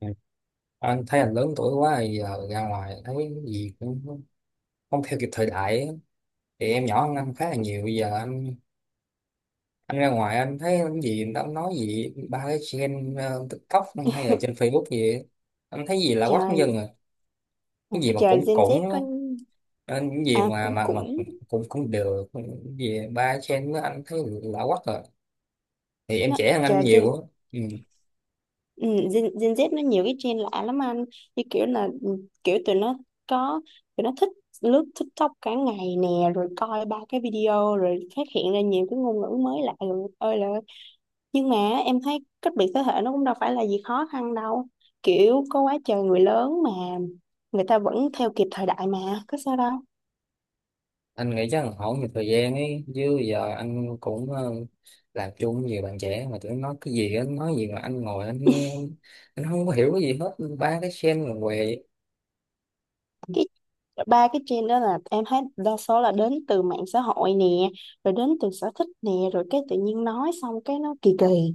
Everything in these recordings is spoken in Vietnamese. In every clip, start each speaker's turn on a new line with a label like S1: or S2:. S1: Ừ. Anh thấy anh lớn tuổi quá thì giờ ra ngoài thấy cái gì cũng không theo kịp thời đại ấy. Thì em nhỏ hơn anh khá là nhiều, bây giờ anh ra ngoài anh thấy cái gì người ta cũng nói gì ba cái trend TikTok hay là trên Facebook gì ấy. Anh thấy gì là quắc dân
S2: Trời,
S1: rồi,
S2: ừ,
S1: cái gì mà
S2: trời,
S1: cũng
S2: Gen Z
S1: cũng á.
S2: có.
S1: Nên cái gì
S2: À
S1: mà
S2: cũng
S1: mà mà
S2: cũng
S1: cũng cũng được, cái gì ba cái trend đó anh thấy là quắc rồi, thì em
S2: nó
S1: trẻ hơn anh
S2: trời Gen.
S1: nhiều á. Ừ.
S2: ừ, Gen Z nó nhiều cái trend lạ lắm anh, như kiểu là, kiểu có tụi nó thích lướt TikTok cả ngày nè, rồi coi ba cái video rồi phát hiện ra nhiều cái ngôn ngữ mới lạ rồi ơi là ơi. Nhưng mà em thấy cách biệt thế hệ nó cũng đâu phải là gì khó khăn đâu, kiểu có quá trời người lớn mà người ta vẫn theo kịp thời đại, mà có sao đâu.
S1: Anh nghĩ chắc là hỏi nhiều thời gian ấy, chứ giờ anh cũng làm chung với nhiều bạn trẻ mà tụi nó nói cái gì anh nói gì mà anh ngồi anh nghe anh, không có hiểu cái gì hết, ba cái sen là què.
S2: cái Ba cái trend đó là em thấy đa số là đến từ mạng xã hội nè, rồi đến từ sở thích nè, rồi cái tự nhiên nói xong cái nó kỳ kỳ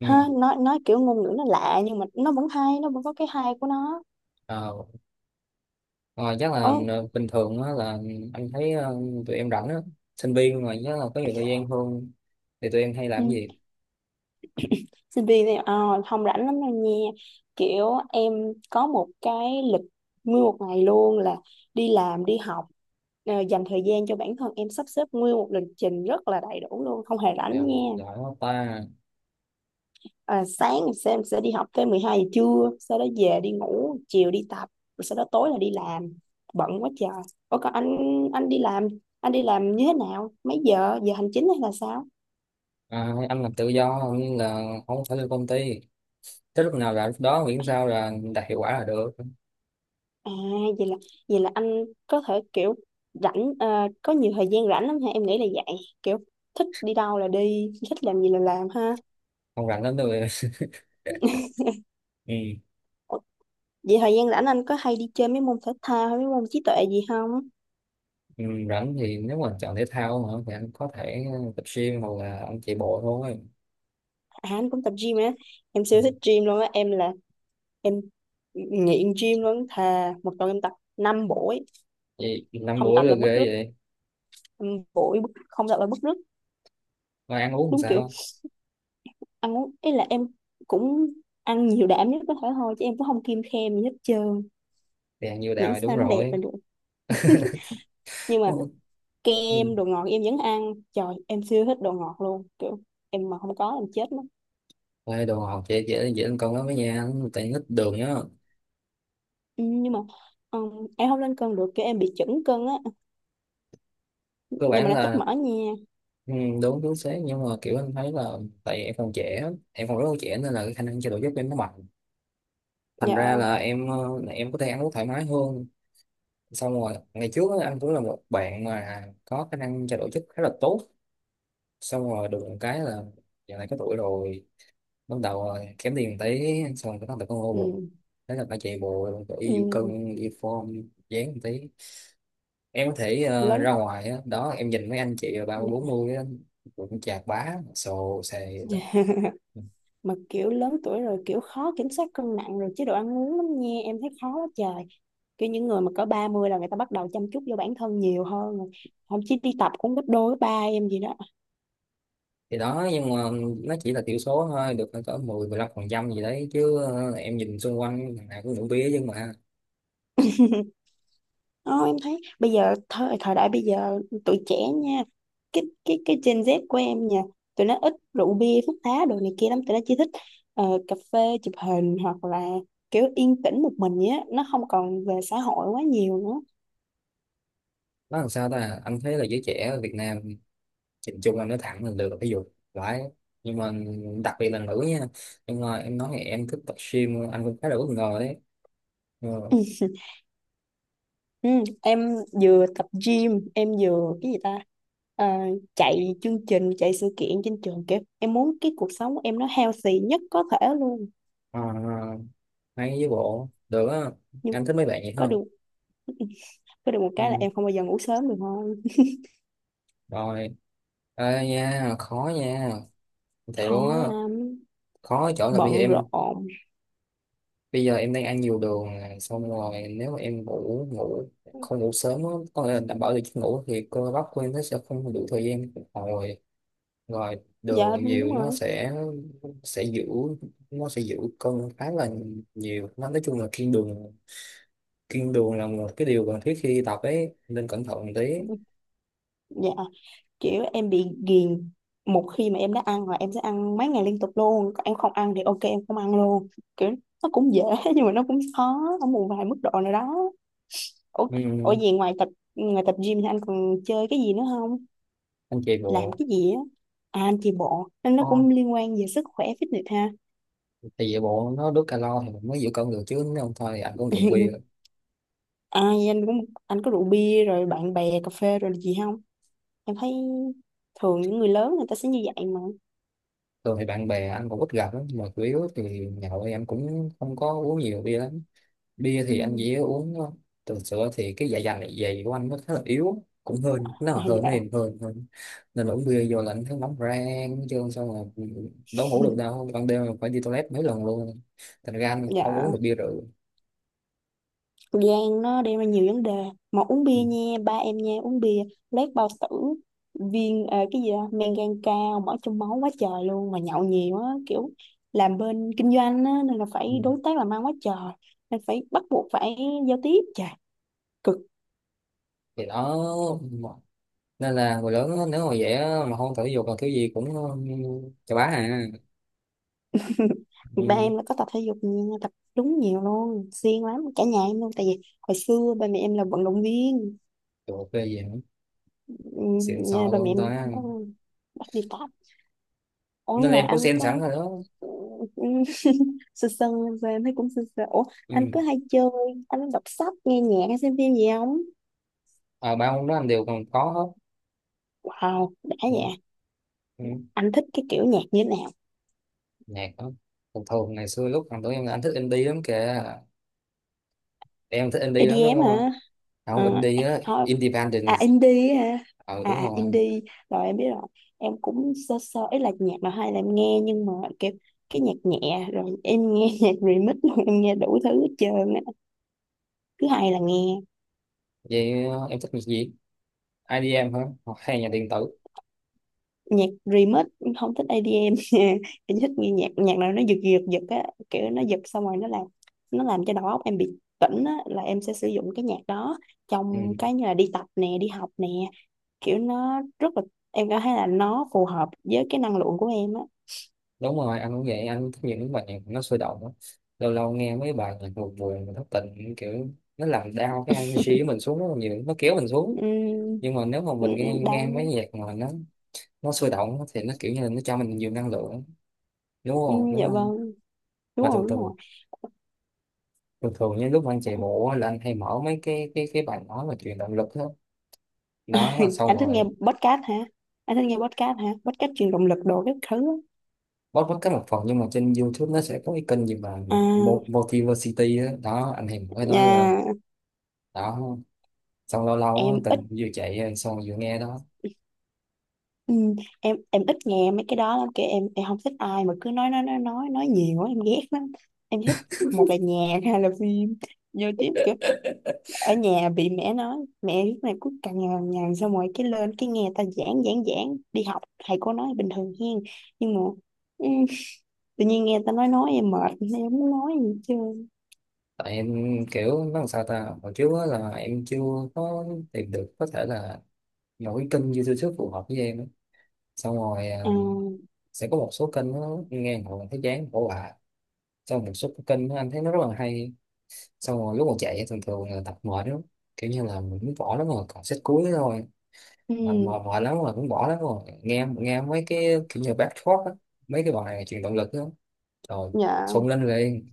S1: Ừ.
S2: ha, nói kiểu ngôn ngữ nó lạ, nhưng mà nó vẫn hay, nó vẫn có cái hay của nó.
S1: ờ, ờ, chắc
S2: Ồ,
S1: là ờ, bình thường á, là anh thấy tụi em rảnh á, sinh viên mà chắc là có nhiều thời gian hơn, thì tụi em hay
S2: ừ.
S1: làm cái gì?
S2: Sinh viên thì, không rảnh lắm đâu nha, kiểu em có một cái lịch nguyên một ngày luôn là đi làm đi học, dành thời gian cho bản thân. Em sắp xếp nguyên một lịch trình rất là đầy đủ luôn, không hề rảnh
S1: Dạ,
S2: nha.
S1: giỏi quá ta.
S2: Sáng em sẽ đi học tới 12 giờ trưa, sau đó về đi ngủ, chiều đi tập, rồi sau đó tối là đi làm, bận quá trời. Ủa còn anh. anh đi làm anh đi làm như thế nào? Mấy giờ? Giờ hành chính hay là sao?
S1: À, anh làm tự do nên là không phải lên công ty, tới lúc nào là lúc đó, miễn sao là đạt hiệu quả là được.
S2: À, vậy là vậy là anh có thể kiểu rảnh, có nhiều thời gian rảnh lắm ha, em nghĩ là vậy, kiểu thích đi đâu là đi, thích làm gì là làm ha.
S1: Không rảnh lắm đâu. Ừ.
S2: Ủa, vậy thời gian rảnh anh có hay đi chơi mấy môn thể thao hay mấy môn trí tuệ gì không?
S1: Ừ, rảnh thì nếu mà chọn thể thao hả, thì anh có thể tập gym hoặc là anh chạy bộ thôi.
S2: À anh cũng tập gym á, em
S1: Ừ.
S2: siêu thích gym luôn á, em là em nghiện gym luôn, thà một tuần em tập 5 buổi,
S1: Vậy năm
S2: không
S1: buổi
S2: tập
S1: là
S2: là bứt
S1: ghê
S2: rứt.
S1: vậy.
S2: Không tập là bứt rứt.
S1: Mà ăn uống làm
S2: Đúng kiểu,
S1: sao?
S2: ăn uống ấy là em cũng ăn nhiều đạm nhất có thể thôi, chứ em cũng không kiêng khem gì hết trơn,
S1: Thì ăn nhiều
S2: miễn
S1: đào thì đúng
S2: sao nó đẹp
S1: rồi.
S2: là được. Nhưng
S1: Ừ.
S2: mà
S1: Ừ.
S2: kem, đồ ngọt em vẫn ăn, trời em siêu thích đồ ngọt luôn, kiểu em mà không có em chết mất.
S1: Ê, đồ ngọt dễ dễ dễ ăn cơm lắm với nha, tại ít đường nhá.
S2: Ừ, nhưng mà em không lên cân được, kiểu em bị chững cân á,
S1: Cơ
S2: nhưng mà
S1: bản
S2: nó tích
S1: là
S2: mỡ nha.
S1: ừ, đúng đúng sáng, nhưng mà kiểu anh thấy là tại em còn trẻ, em còn rất là trẻ nên là cái khả năng chạy độ dốc của em nó mạnh, thành ra
S2: Dạ.
S1: là em em có thể ăn uống thoải mái hơn. Xong rồi ngày trước á, anh cũng là một bạn mà có khả năng chạy độ chất khá là tốt, xong rồi được một cái là giờ này có tuổi rồi, bắt đầu là kém tiền một tí, xong rồi bắt đầu có ngô bụng,
S2: Ừ.
S1: thế là phải chạy bộ, phải đi vũ
S2: Ừ.
S1: cân, đi form dáng một tí. Em có thể ra
S2: Lớn.
S1: ngoài á, đó em nhìn mấy anh chị 30 40 cũng chạc bá sồ xề đó.
S2: Dạ. Mà kiểu lớn tuổi rồi, kiểu khó kiểm soát cân nặng rồi chế độ ăn uống lắm nha, em thấy khó quá trời, kiểu những người mà có 30 là người ta bắt đầu chăm chút vô bản thân nhiều hơn rồi, không chỉ đi tập cũng gấp đôi ba em gì đó.
S1: Thì đó, nhưng mà nó chỉ là thiểu số thôi, được có 10 15% gì đấy chứ, em nhìn xung quanh thằng nào cũng uống bía nhưng mà
S2: Ờ, em thấy bây giờ thời thời đại bây giờ tụi trẻ nha, cái Gen Z của em nha, tụi nó ít rượu bia thuốc lá đồ này kia lắm, tụi nó chỉ thích cà phê, chụp hình, hoặc là kiểu yên tĩnh một mình vậy á, nó không còn về xã hội quá nhiều nữa.
S1: nó làm sao ta. Anh thấy là giới trẻ ở Việt Nam nhìn chung, anh nói thẳng là được, ví dụ phải, nhưng mà đặc biệt là nữ nha, nhưng mà em nói thì em thích tập gym, anh cũng khá là bất ngờ đấy. Ừ.
S2: Ừ, em vừa tập gym, em vừa cái gì ta? Ờ, chạy chương trình, chạy sự kiện trên trường kìa. Em muốn cái cuộc sống của em nó healthy nhất có thể luôn.
S1: À, hay với bộ được á.
S2: Nhưng
S1: Anh thích mấy bạn vậy
S2: có
S1: không?
S2: được có được một cái là
S1: Ừ.
S2: em không bao giờ ngủ sớm được thôi.
S1: Rồi. Ê nha, khó nha, thiệt luôn á.
S2: Khó lắm,
S1: Khó ở chỗ là
S2: bận rộn.
S1: bây giờ em đang ăn nhiều đường nè, xong rồi nếu mà em ngủ ngủ không ngủ sớm á, có nghĩa là đảm bảo được giấc ngủ, thì cơ bắp của em nó sẽ không đủ thời gian phục hồi, rồi đường
S2: Dạ đúng
S1: nhiều nó
S2: rồi.
S1: sẽ sẽ giữ nó sẽ giữ cân khá là nhiều. Nó nói chung là kiêng đường, kiêng đường là một cái điều cần thiết khi tập ấy, nên cẩn thận một tí.
S2: Dạ, kiểu em bị ghiền. Một khi mà em đã ăn là em sẽ ăn mấy ngày liên tục luôn. Còn em không ăn thì ok, em không ăn luôn. Kiểu nó cũng dễ nhưng mà nó cũng khó ở một vài mức độ nào đó. Ủa, ủa
S1: Ừ.
S2: gì ngoài tập gym thì anh còn chơi cái gì nữa không?
S1: Anh chạy
S2: Làm
S1: bộ.
S2: cái gì á? À, anh chạy bộ nên nó
S1: Ồ,
S2: cũng liên quan về sức khỏe fitness ha.
S1: thì chạy bộ nó đốt calo thì mình mới giữ cân được, chứ nếu không thôi thì anh cũng đường bia.
S2: Ai anh cũng anh có rượu bia rồi bạn bè cà phê rồi là gì không? Em thấy thường những người lớn người ta sẽ như vậy mà.
S1: Thường thì bạn bè anh cũng ít gặp lắm, mà chủ yếu thì nhậu thì anh cũng không có uống nhiều bia lắm, bia
S2: Ừ.
S1: thì anh dễ uống lắm. Thường sữa thì cái dạ dày của anh nó khá là yếu, cũng hơi nó
S2: À,
S1: là hơi
S2: dạ.
S1: này hơi hơi nên là uống bia vô là anh thấy nóng rang chứ, xong rồi đâu ngủ được đâu, ban đêm là phải đi toilet mấy lần luôn, thành ra anh không uống
S2: Dạ.
S1: được bia rượu.
S2: Gan nó đem ra nhiều vấn đề, mà uống
S1: Ừ.
S2: bia nha, ba em nha, uống bia lét bao tử, viên cái gì đó, men gan cao, mỡ trong máu quá trời luôn, mà nhậu nhiều á, kiểu làm bên kinh doanh á nên là
S1: Ừ.
S2: phải đối tác làm ăn quá trời, nên phải bắt buộc phải giao tiếp, trời cực.
S1: Thì đó, nên là người lớn á, nếu mà dễ mà không thể dục là thứ gì cũng chà bá à.
S2: Ba
S1: Ừ.
S2: em là có tập thể dục nha, tập đúng nhiều luôn, siêng lắm, cả nhà em luôn, tại vì hồi xưa ba mẹ em là vận động viên.
S1: Trời, ok gì nữa,
S2: Ừ,
S1: xịn
S2: nhà
S1: sò
S2: ba mẹ
S1: luôn
S2: em
S1: ta.
S2: cũng có bắt đi tập.
S1: Nên
S2: Ủa
S1: là
S2: rồi
S1: em có
S2: anh
S1: xem sẵn
S2: có.
S1: rồi đó.
S2: Ừ. Sơ sơ. Và em thấy cũng sơ sơ. Ủa
S1: Ừ.
S2: anh cứ hay chơi, anh đọc sách, nghe nhạc hay xem phim gì không?
S1: À, ba món đó anh đều còn có hết.
S2: Wow đã
S1: Ừ.
S2: vậy.
S1: Ừ.
S2: Anh thích cái kiểu nhạc như thế nào?
S1: Nhạc đó thường thường ngày xưa lúc còn tuổi em là anh thích indie lắm kìa. Em thích indie lắm đúng
S2: EDM
S1: không?
S2: hả? Ờ,
S1: Không, indie á,
S2: thôi.
S1: independent.
S2: À indie hả?
S1: Ờ đúng
S2: À
S1: rồi.
S2: indie, rồi em biết rồi. Em cũng sơ sơ ấy, là nhạc mà hay là em nghe, nhưng mà kiểu cái nhạc nhẹ rồi em nghe nhạc remix rồi em nghe đủ thứ hết trơn á, cứ hay là nghe
S1: Vậy em thích nhạc gì? IDM hả? Hoặc hay nhạc điện tử.
S2: nhạc remix, không thích EDM nha. Em em thích nghe nhạc, nhạc nào nó giật giật giật á, kiểu nó giật xong rồi nó làm cho đầu óc em bị tỉnh á, là em sẽ sử dụng cái nhạc đó
S1: Ừ.
S2: trong cái như là đi tập nè, đi học nè, kiểu nó rất là, em cảm thấy là nó phù hợp với cái năng lượng của em á.
S1: Đúng rồi, anh cũng vậy, anh thích những bài nhạc nó sôi động á. Lâu lâu nghe mấy bài nhạc buồn buồn mà thất tình, kiểu nó làm đau cái energy của mình, xuống rất là nhiều, nó kéo mình xuống.
S2: uhm,
S1: Nhưng mà nếu mà mình nghe
S2: Đau.
S1: nghe mấy nhạc mà nó sôi động á, thì nó kiểu như là nó cho mình nhiều năng lượng, đúng không đúng
S2: Dạ
S1: không?
S2: vâng, đúng
S1: Mà thường
S2: rồi, đúng rồi.
S1: thường thường thường những lúc mà anh chạy bộ á, là anh hay mở mấy cái cái bài nói về truyền động lực đó. Đó xong
S2: anh thích nghe
S1: rồi
S2: podcast hả anh thích nghe podcast hả? Podcast truyền động lực đồ các thứ
S1: bót bót cái một phần, nhưng mà trên YouTube nó sẽ có cái kênh gì mà
S2: á. À.
S1: Motivacity đó, đó anh hay mở cái đó lên
S2: À,
S1: đó. Xong lâu lâu á,
S2: em ít.
S1: từng vừa chạy xong vừa nghe đó.
S2: Ừ, em ít nghe mấy cái đó lắm, kiểu em không thích ai mà cứ nói nhiều quá, em ghét lắm. Em thích một là nhạc hai là phim, vô tiếp, kiểu ở nhà bị mẹ nói, mẹ lúc này cứ cằn nhằn nhằn, xong rồi cái lên cái nghe ta giảng giảng giảng, đi học thầy cô nói bình thường hen, nhưng mà ừ, tự nhiên nghe ta nói em mệt, em không muốn nói gì chứ.
S1: Tại em kiểu nó làm sao ta, hồi trước á là em chưa có tìm được, có thể là một cái kênh YouTube phù hợp với em á. Xong rồi
S2: À.
S1: à, sẽ có một số kênh nó nghe hồi thấy chán bỏ hoài, xong một số cái kênh của anh thấy nó rất là hay. Xong rồi lúc mà chạy thường thường là tập mệt lắm, kiểu như là mình cũng bỏ lắm rồi còn set cuối thôi, là
S2: Ừ.
S1: mệt mệt lắm rồi, cũng bỏ lắm rồi, nghe nghe mấy cái kiểu như back talk á, mấy cái bài truyền động lực đó, rồi
S2: Dạ.
S1: xông lên liền.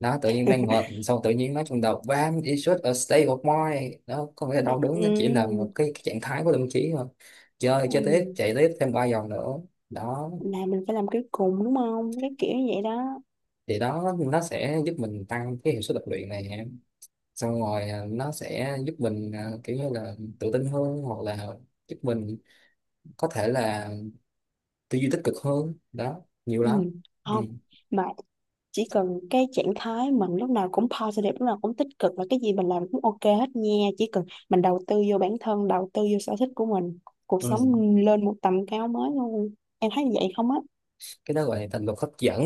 S1: Đó tự nhiên đang ngợp, xong tự nhiên nó trong đầu bam, it's just a state of mind đó, có nghĩa là đau đớn nó chỉ là
S2: Ừ.
S1: một cái trạng thái của tâm trí thôi. Chơi chơi tiếp
S2: Ừ,
S1: chạy tiếp thêm 3 vòng nữa đó.
S2: là mình phải làm cái cùng đúng không, cái kiểu như vậy đó.
S1: Thì đó, nó sẽ giúp mình tăng cái hiệu suất tập luyện này, xong rồi à, nó sẽ giúp mình à, kiểu như là tự tin hơn, hoặc là giúp mình có thể là tư duy tích cực hơn đó, nhiều
S2: Ừ
S1: lắm. Ừ.
S2: không mà, chỉ cần cái trạng thái mình lúc nào cũng positive, lúc nào cũng tích cực, và cái gì mình làm cũng ok hết nha, chỉ cần mình đầu tư vô bản thân, đầu tư vô sở thích của mình, cuộc
S1: Ừ.
S2: sống lên một tầm cao mới luôn, em thấy vậy không á?
S1: Cái đó gọi là thành luật hấp dẫn.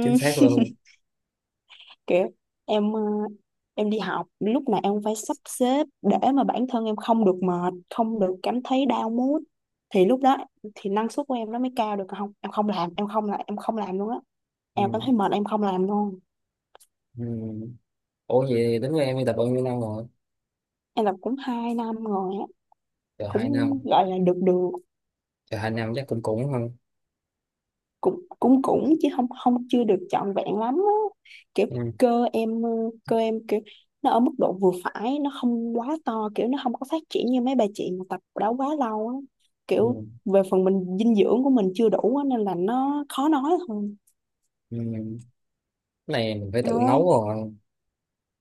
S1: Chính xác luôn.
S2: kiểu em ờ, em đi học lúc nào em cũng phải sắp xếp để mà bản thân em không được mệt, không được cảm thấy down mood, thì lúc đó thì năng suất của em nó mới cao được, còn không em không làm luôn á,
S1: Ừ.
S2: em cảm thấy mệt em không làm luôn.
S1: Ừ. Ủa vậy đến với em đi tập bao nhiêu năm rồi?
S2: Em làm cũng 2 năm rồi á,
S1: Chờ hai
S2: cũng
S1: năm
S2: gọi là được được.
S1: Chờ hai năm chắc cũng cũng hơn.
S2: Cũng cũng Cũng chứ không không, chưa được trọn vẹn lắm á. Kiểu
S1: Ừ.
S2: cơ em ờ, cơ em kiểu nó ở mức độ vừa phải, nó không quá to, kiểu nó không có phát triển như mấy bà chị mà tập đó quá lâu á, kiểu
S1: Ừ.
S2: về phần mình dinh dưỡng của mình chưa đủ á, nên là nó khó nói thôi.
S1: Ừ. Cái này mình phải tự
S2: Nói.
S1: nấu rồi,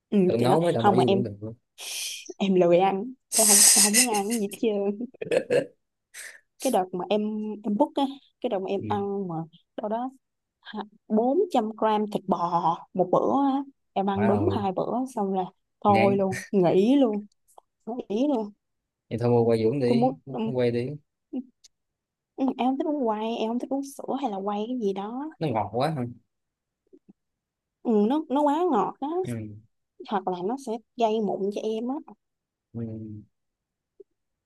S2: Ừ
S1: tự
S2: thì nói
S1: nấu mới đảm bảo
S2: không mà
S1: dinh dưỡng được.
S2: em lười ăn, em không, em không muốn ăn cái gì hết trơn. Cái đợt mà em book á, cái đợt mà em
S1: Ừ.
S2: ăn mà đâu đó 400 gram thịt bò một bữa á, em
S1: Má
S2: ăn đúng
S1: ơi.
S2: hai bữa xong là
S1: Ngán.
S2: thôi luôn, nghỉ luôn. Nghỉ luôn.
S1: Vậy thôi mua quay Dũng
S2: Tôi muốn.
S1: đi, quay đi.
S2: Em không thích uống quay, em không thích uống sữa hay là quay cái gì đó.
S1: Nó ngọt quá.
S2: Ừ, nó quá ngọt á,
S1: Ừ.
S2: hoặc là nó sẽ gây mụn cho em á.
S1: Ừ.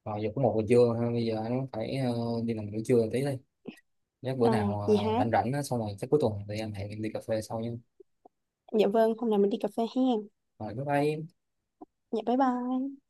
S1: Rồi giờ cũng 1 giờ trưa ha, bây giờ anh phải đi làm buổi trưa tí đi. Nếu bữa
S2: À,
S1: nào
S2: gì hả?
S1: rảnh rảnh á, xong rồi chắc cuối tuần thì anh hẹn em đi cà phê sau nha.
S2: Dạ vâng, hôm nào mình đi cà phê hen.
S1: Rồi bye bye.
S2: Dạ bye bye.